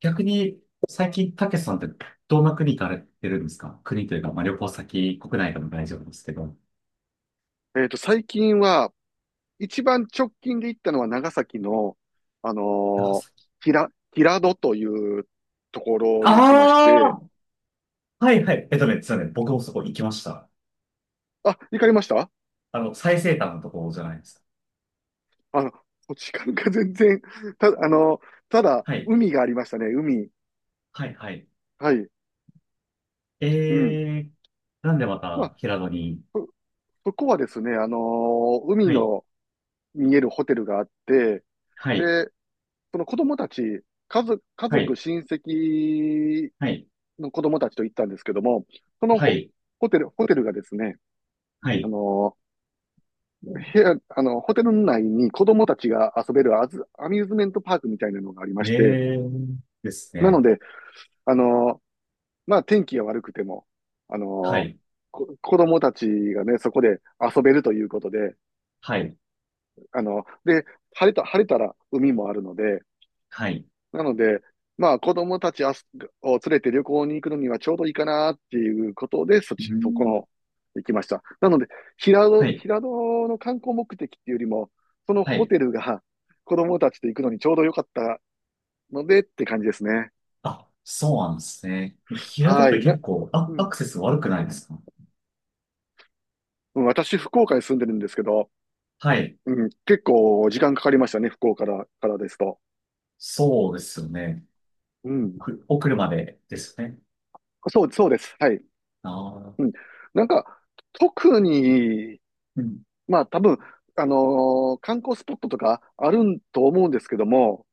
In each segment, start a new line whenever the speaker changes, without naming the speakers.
逆に、最近、たけしさんってどんな国行かれてるんですか？国というか、まあ、旅行先、国内でも大丈夫ですけど。
最近は、一番直近で行ったのは長崎の、あの
長崎。
平戸というところに行きまして、
ああ、はいはい。実はね、僕もそこ行きました。
あ、行かれました？
最西端のところじゃないですか？
あの、時間が全然、た、あのただ、
はい。
海がありましたね、海。
はいはい。
はい。
え
うん。
ー、なんでま
まあ、
た平戸に？
そ、そこはですね、海
はい。
の見えるホテルがあって、
はい。
で、その子供たち、家族、家
は
族、
い。
親戚
はい。
の子供たちと行ったんですけども、その
は
ホ、
い。
ホテル、ホテルがですね、
は
あ
い。
の、部屋、あの、ホテル内に子供たちが遊べるアミューズメントパークみたいなのがありまして、
えー、です
なの
ね。
で、あの、まあ、天気が悪くても、あ
は
の、
い。
子供たちがね、そこで遊べるということで、
はい。
で、晴れたら海もあるので、
はい。
なので、まあ子供たちあすを連れて旅行に行くのにはちょうどいいかなっていうことで、そっ
う
ち、そこ
ん。
の、行きました。なので、平
は
戸、
い。
平戸の観光目的っていうよりも、その
は
ホ
い。
テルが子供たちと行くのにちょうど良かったのでって感じですね。
あ、そうなんですね。平戸っ
は
て
い。
結構、あ、
う
ア
ん。
クセス悪くないですか？
うん、私、福岡に住んでるんですけど、
はい。
うん、結構時間かかりましたね、福岡からですと。
そうですよね。
うん。
お車でですよね。
そう、そうです。はい。
あ
う
あ、
ん。なんか、特に
うん。
まあ多分、観光スポットとかあるんと思うんですけども、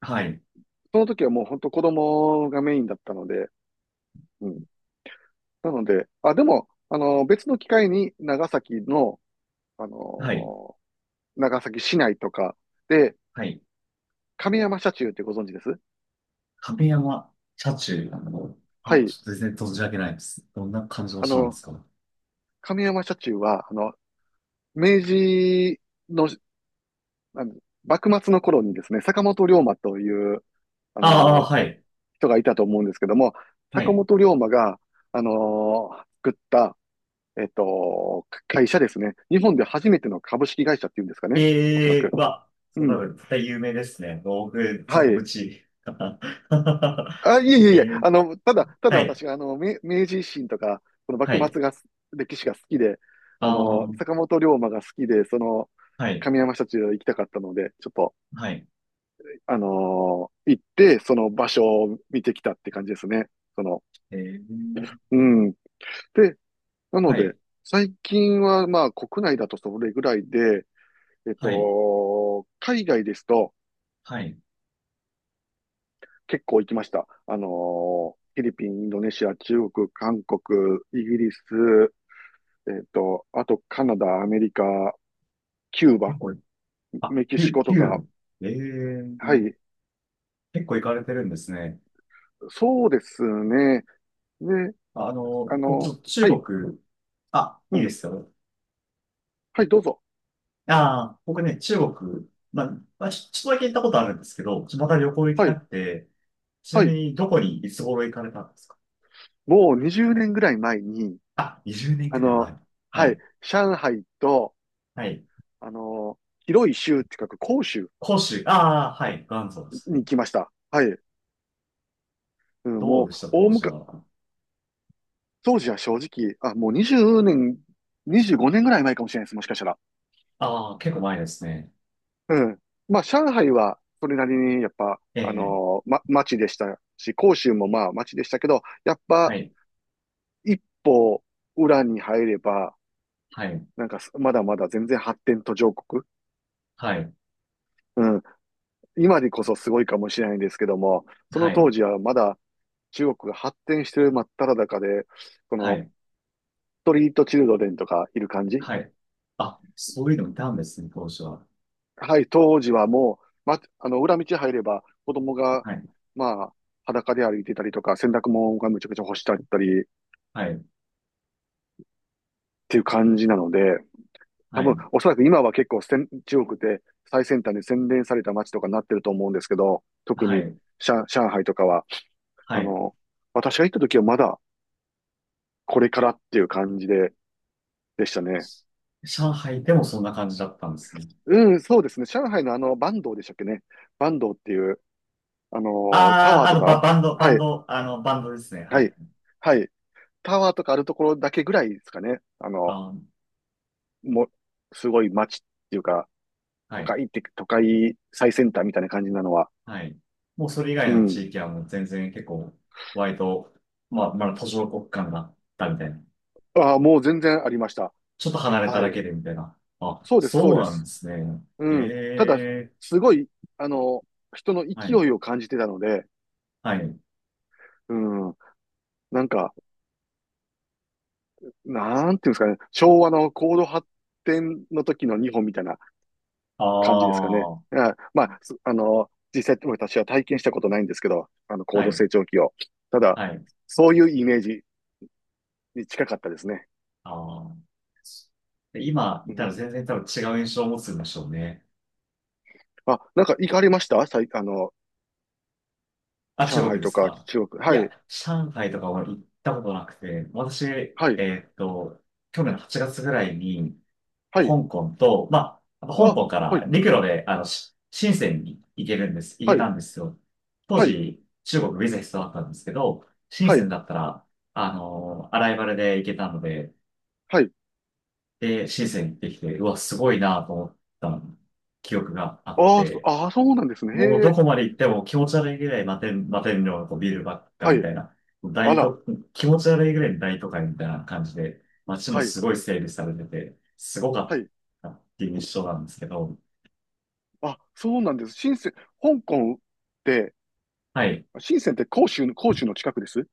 はい。
その時はもう本当子供がメインだったので。うん。なので、あ、でも、別の機会に長崎の、あ
はい。
の長崎市内とかで、
はい。
亀山社中ってご存知です？
亀山車中、
は
あ、
い。
ちょっと全然存じ上げないです。どんな感じの
あ
車なんで
の、
すか？
亀山社中は、明治の、あの幕末の頃にですね、坂本龍馬という、あ
ああ、
の
はい。
人がいたと思うんですけども、
は
坂
い。
本龍馬が、作った、会社ですね。日本で初めての株式会社っていうんですかね。おそら
ええ
く。
ー、そ
う
う、多
ん。
分絶対有名ですね。道具、ちょ
は
っと無
い。
知。
あ、いえいえ
え
いえ、
ー、
ただ
はい。
私が、明治維新とか、その
は
幕
い。
末が、歴史が好きで、
ああ、
坂本龍馬が好きで、その、
はい。
上山社中行きたかったので、ちょっと、
はい。
あの行って、その場所を見てきたって感じですね。その、
えー
うん。で、なの
は
で、
い、
最近はまあ国内だとそれぐらいで、
はい、
海外ですと
はい。
結構行きました。フィリピン、インドネシア、中国、韓国、イギリス、あとカナダ、アメリカ、キュー
結
バ、
構、あ、
メキシ
九
コとか、
九ええ
は
ー、
い、
結構行かれてるんですね。
そうですね。で、あ
僕ちょ
の、
っと中
はい、
国、あ、
う
いい
ん、
ですよ。
はい、どうぞ。
ああ、僕ね、中国、まあ、まあ、ちょっとだけ行ったことあるんですけど、また旅行行き
は
た
い、
くて。ちな
は
み
い、
にどこにいつ頃行かれたんですか？
もう20年ぐらい前に、
あ、20年
あ
くらい
の、
前。は
はい、
い、
上海と、
はい。
あの、広い州って書く広州
広州、ああ、はい、元祖ですね。
に来ました。はい。うん、
ど
も
う
う、
でした、
大
当時
昔、
は？
当時は正直、あ、もう20年、25年ぐらい前かもしれないです、もしかしたら。
ああ、結構前ですね。
うん。まあ、上海は、それなりに、やっぱ、
ええ、
町でしたし、広州もまあ、町でしたけど、やっ
は
ぱ、
い、
一歩、裏に入れば、
はい、
なんか、まだまだ全然発展途上国。
はい、
うん。今でこそすごいかもしれないんですけども、そ
は
の当
い、
時はまだ中国が発展してる真っ只中で、そ
は
の、
い。
ストリートチルドレンとかいる感じ。
はい。あ、そういうのいたんですね、当初は。
はい、当時はもう、ま、あの、裏道入れば子供が、
はい、
まあ、裸で歩いてたりとか、洗濯物がむちゃくちゃ干してあったりっ
はい、
ていう感じなので、
は
多分、
い、
おそらく今は結構中国で最先端に洗練された街とかになってると思うんですけど、特
は
に
い、
上海とかは、
は
あ
い。
の、私が行った時はまだこれからっていう感じで、でしたね。
上海でもそんな感じだったんですね。
うん、そうですね。上海のバンドでしたっけね。バンドっていう、タ
あ
ワ
あ、
ーとか、はい、
バンドですね。は
はい。
い。
はい。タワーとかあるところだけぐらいですかね。
あー、
もう、すごい街っていうか、
はい、
都会最先端みたいな感じなのは。
はい。もうそれ以外
う
の
ん。
地域はもう全然結構、割と、まあ、まだ途上国間だったみたいな。
ああ、もう全然ありました。
ちょっと離れた
は
だ
い。
けでみたいな。あ、
そうです、そう
そう
で
なん
す。
ですね。え
うん。ただ、
え、
すごい、あの、人の勢
はい、
いを感じてたので。
はい。
うん。なんか、なんていうんですかね。昭和の高度発展の時の日本みたいな
あ
感じですかね。
あ、は
あ、まあ、すあの、実際私は体験したことないんですけど、高度
い、
成長期を。ただ、
はい。
そういうイメージに近かったですね。
ああ。で今
う
いたら
ん。
全然多分違う印象を持つんでしょうね。
あ、なんか行かれました？さい、あの、
あ、中
上
国
海
で
と
す
か
か？
中国。
い
は
や、
い、
上海とかは行ったことなくて、私、
はい、
去年の8月ぐらいに、
はい。
香港と、まあ、香
あ、
港か
は
ら
い、
陸路で、深センに行
は
け
い、
たんですよ。当
はい、
時、中国ビザ必要だったんですけど、深
は
セン
い、
だったら、アライバルで行けたので、
はい。
で、シーズン行ってきて、うわ、すごいなと思った記憶があっ
ああ、そ
て、
あー、そうなんですね。
もう
へ
ど
え。
こまで行っても気持ち悪いぐらい摩天楼のビルばっか
は
み
い。
たいな、
あ
大
ら、
都、気持ち悪いぐらいの大都会みたいな感じで、街も
はい、
すごい整備されてて、すごか
は
っ
い。
たっていう印象なんですけど、
あ、そうなんです。深セン、香港って、
はい。
深センって広州の近くです。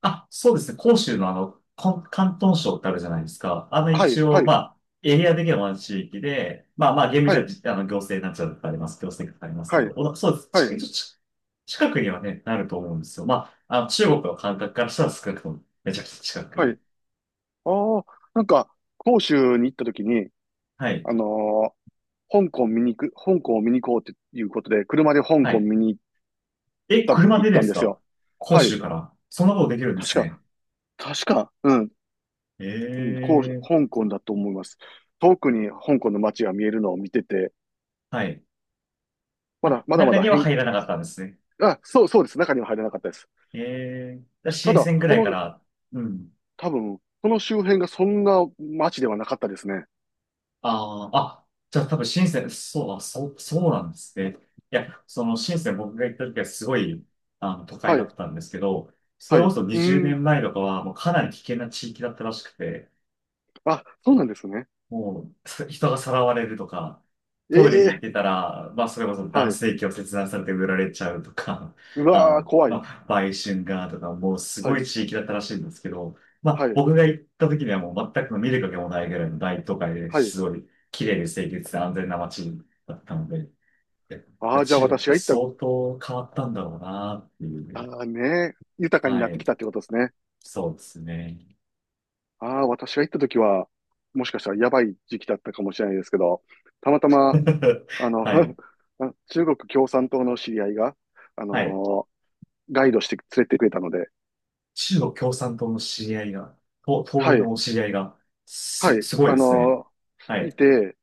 あ、そうですね。広州の広東省ってあるじゃないですか。
は
一
い、は
応、ま
い、
あ、エリア的には同じ地域で、まあまあ、厳密
は
には
い、
じあの行政なんちゃらとかあります。行政とかありますけ
は
ど、
い、
そうです。
は
近
い。
い、一応ち近くにはね、なると思うんですよ。まあ、中国の感覚からしたら少なくとも、めちゃくちゃ近
はい。
く。
ああ、なんか、広州に行った時に、
はい。
あのー香港を見に行こうっていうことで、車で香
は
港
い。
見に行っ
え、
た、
車
行っ
で
た
で
ん
す
です
か？
よ。
広
はい。
州から。そんなことできるんで
確
すね。
か、確か、うん、うん、
ええ、
香港だと思います。遠くに香港の街が見えるのを見てて、
はい。あ、
まだま
中
だ。
には入らなかったんですね。
あ、そう、そうです。中には入れなかったです。
ええ
た
新だから深
だ、
センぐ
そ
らいか
の、
ら、うん。
多分、その周辺がそんな街ではなかったですね。
ああ、あ、じゃあ多分深セン、そう、あ、そう、そうなんですね。いや、その深セン僕が行った時はすごい、都会
は
だ
い、
ったんですけど、そ
は
れ
い。
こ
う
そ
ー
20
ん。
年前とかはもうかなり危険な地域だったらしくて、
あ、そうなんですね。
もう、人がさらわれるとか、トイレに
え
行っ
え、
てたら、まあ、それこそ
は
男
い。
性器を切断されて売られちゃうとか、
う わー、怖い。
まあ、売春がとか、もうす
は
ご
い、
い地域だったらしいんですけど、ま
は
あ、
い、
僕が行った時にはもう全く見る影もないぐらいの大都会で
はい。
すごい綺麗で清潔で安全な街だったので、やっ
あ
ぱ
あ、じゃあ
中国っ
私
て
が行った、
相当変わったんだろうなってい
あ
う。
あね、豊かにな
は
ってき
い。
たってことですね。
そうですね。
ああ、私が行った時は、もしかしたらやばい時期だったかもしれないですけど、たまたま、あの、
はい。
中国共産党の知り合いが、あの
はい。
ガイドして連れてくれたので、
中国共産党の知り合いが、党
は
員
い、
のお知り合いが、
はい、
すごいですね。は
い
い、
て、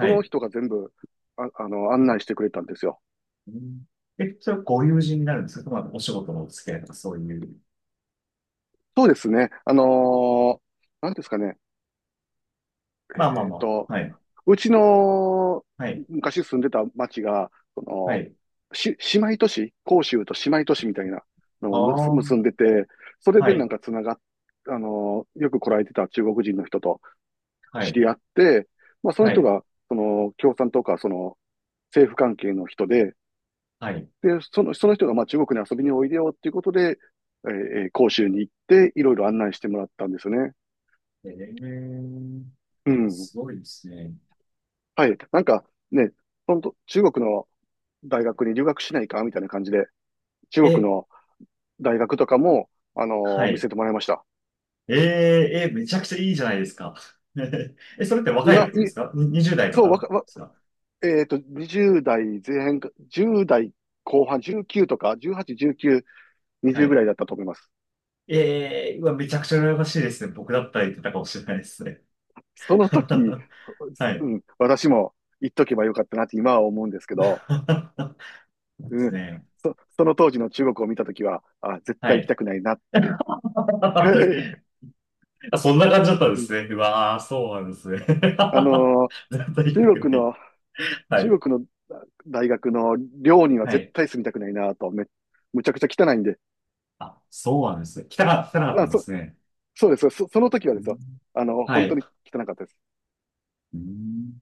その
い。
人が全部、案内してくれたんですよ。
うん、え、それはご友人になるんですか？まあ、お仕事のお付き合いとかそういう。
そうですね、ーなんですかね、
まあまあ
えっ
ま
と、
あ、はい、
うちの
はい、
昔住んでた町が、そ
は
の、
い。
姉妹都市、甲州と姉妹都市みたいなの
あ
を
あ、
結んでて、それ
は
でなん
い、
かつながっ、あの、よく来られてた中国人の人と
は
知
い、
り合って、まあその
は
人
い、
が、その、共産党か、その、政府関係の人で、
はい。
で、その人がまあ中国に遊びにおいでよっていうことで、えー甲州に行って、いろいろ案内してもらったんですよね。
えー、
うん。
すごいですね。
はい。なんかね、本当中国の大学に留学しないかみたいな感じで、中国
え、
の大学とかも、あの
は
見
い。
せてもらいました。
えー、めちゃくちゃいいじゃないですか。え、それって若い
今、
時で
い、
すかに ?20代と
そう、
か
わ
で
か、わ、
すか？
20代前半か、10代後半、19とか、18、19、
は
20ぐ
い。
らいだったと思います。
ええー、うわ、めちゃくちゃ羨ましいですね。僕だったら言ってたかもしれないですね。
その 時、
は
う
い。
ん、私も言っとけばよかったなって今は思うんですけど、
で
う
す
ん、
ね。
その当時の中国を見た時は、あ、絶
は
対行き
い。
たくないなって。
あ、そんな感じだったん
う
で
ん、
すね。うわー、そうなんですね。絶対
あのー
行きた
中
く
国の
ない。は
中
い。
国の大学の寮には
は
絶
い。
対住みたくないなと、むちゃくちゃ汚いんで。
あ、そうなんですね。来たかった
あ、
んですね。
そうです。その時は
う
で
ん、
すよ。
は
本当
い。
に汚かったです。
うん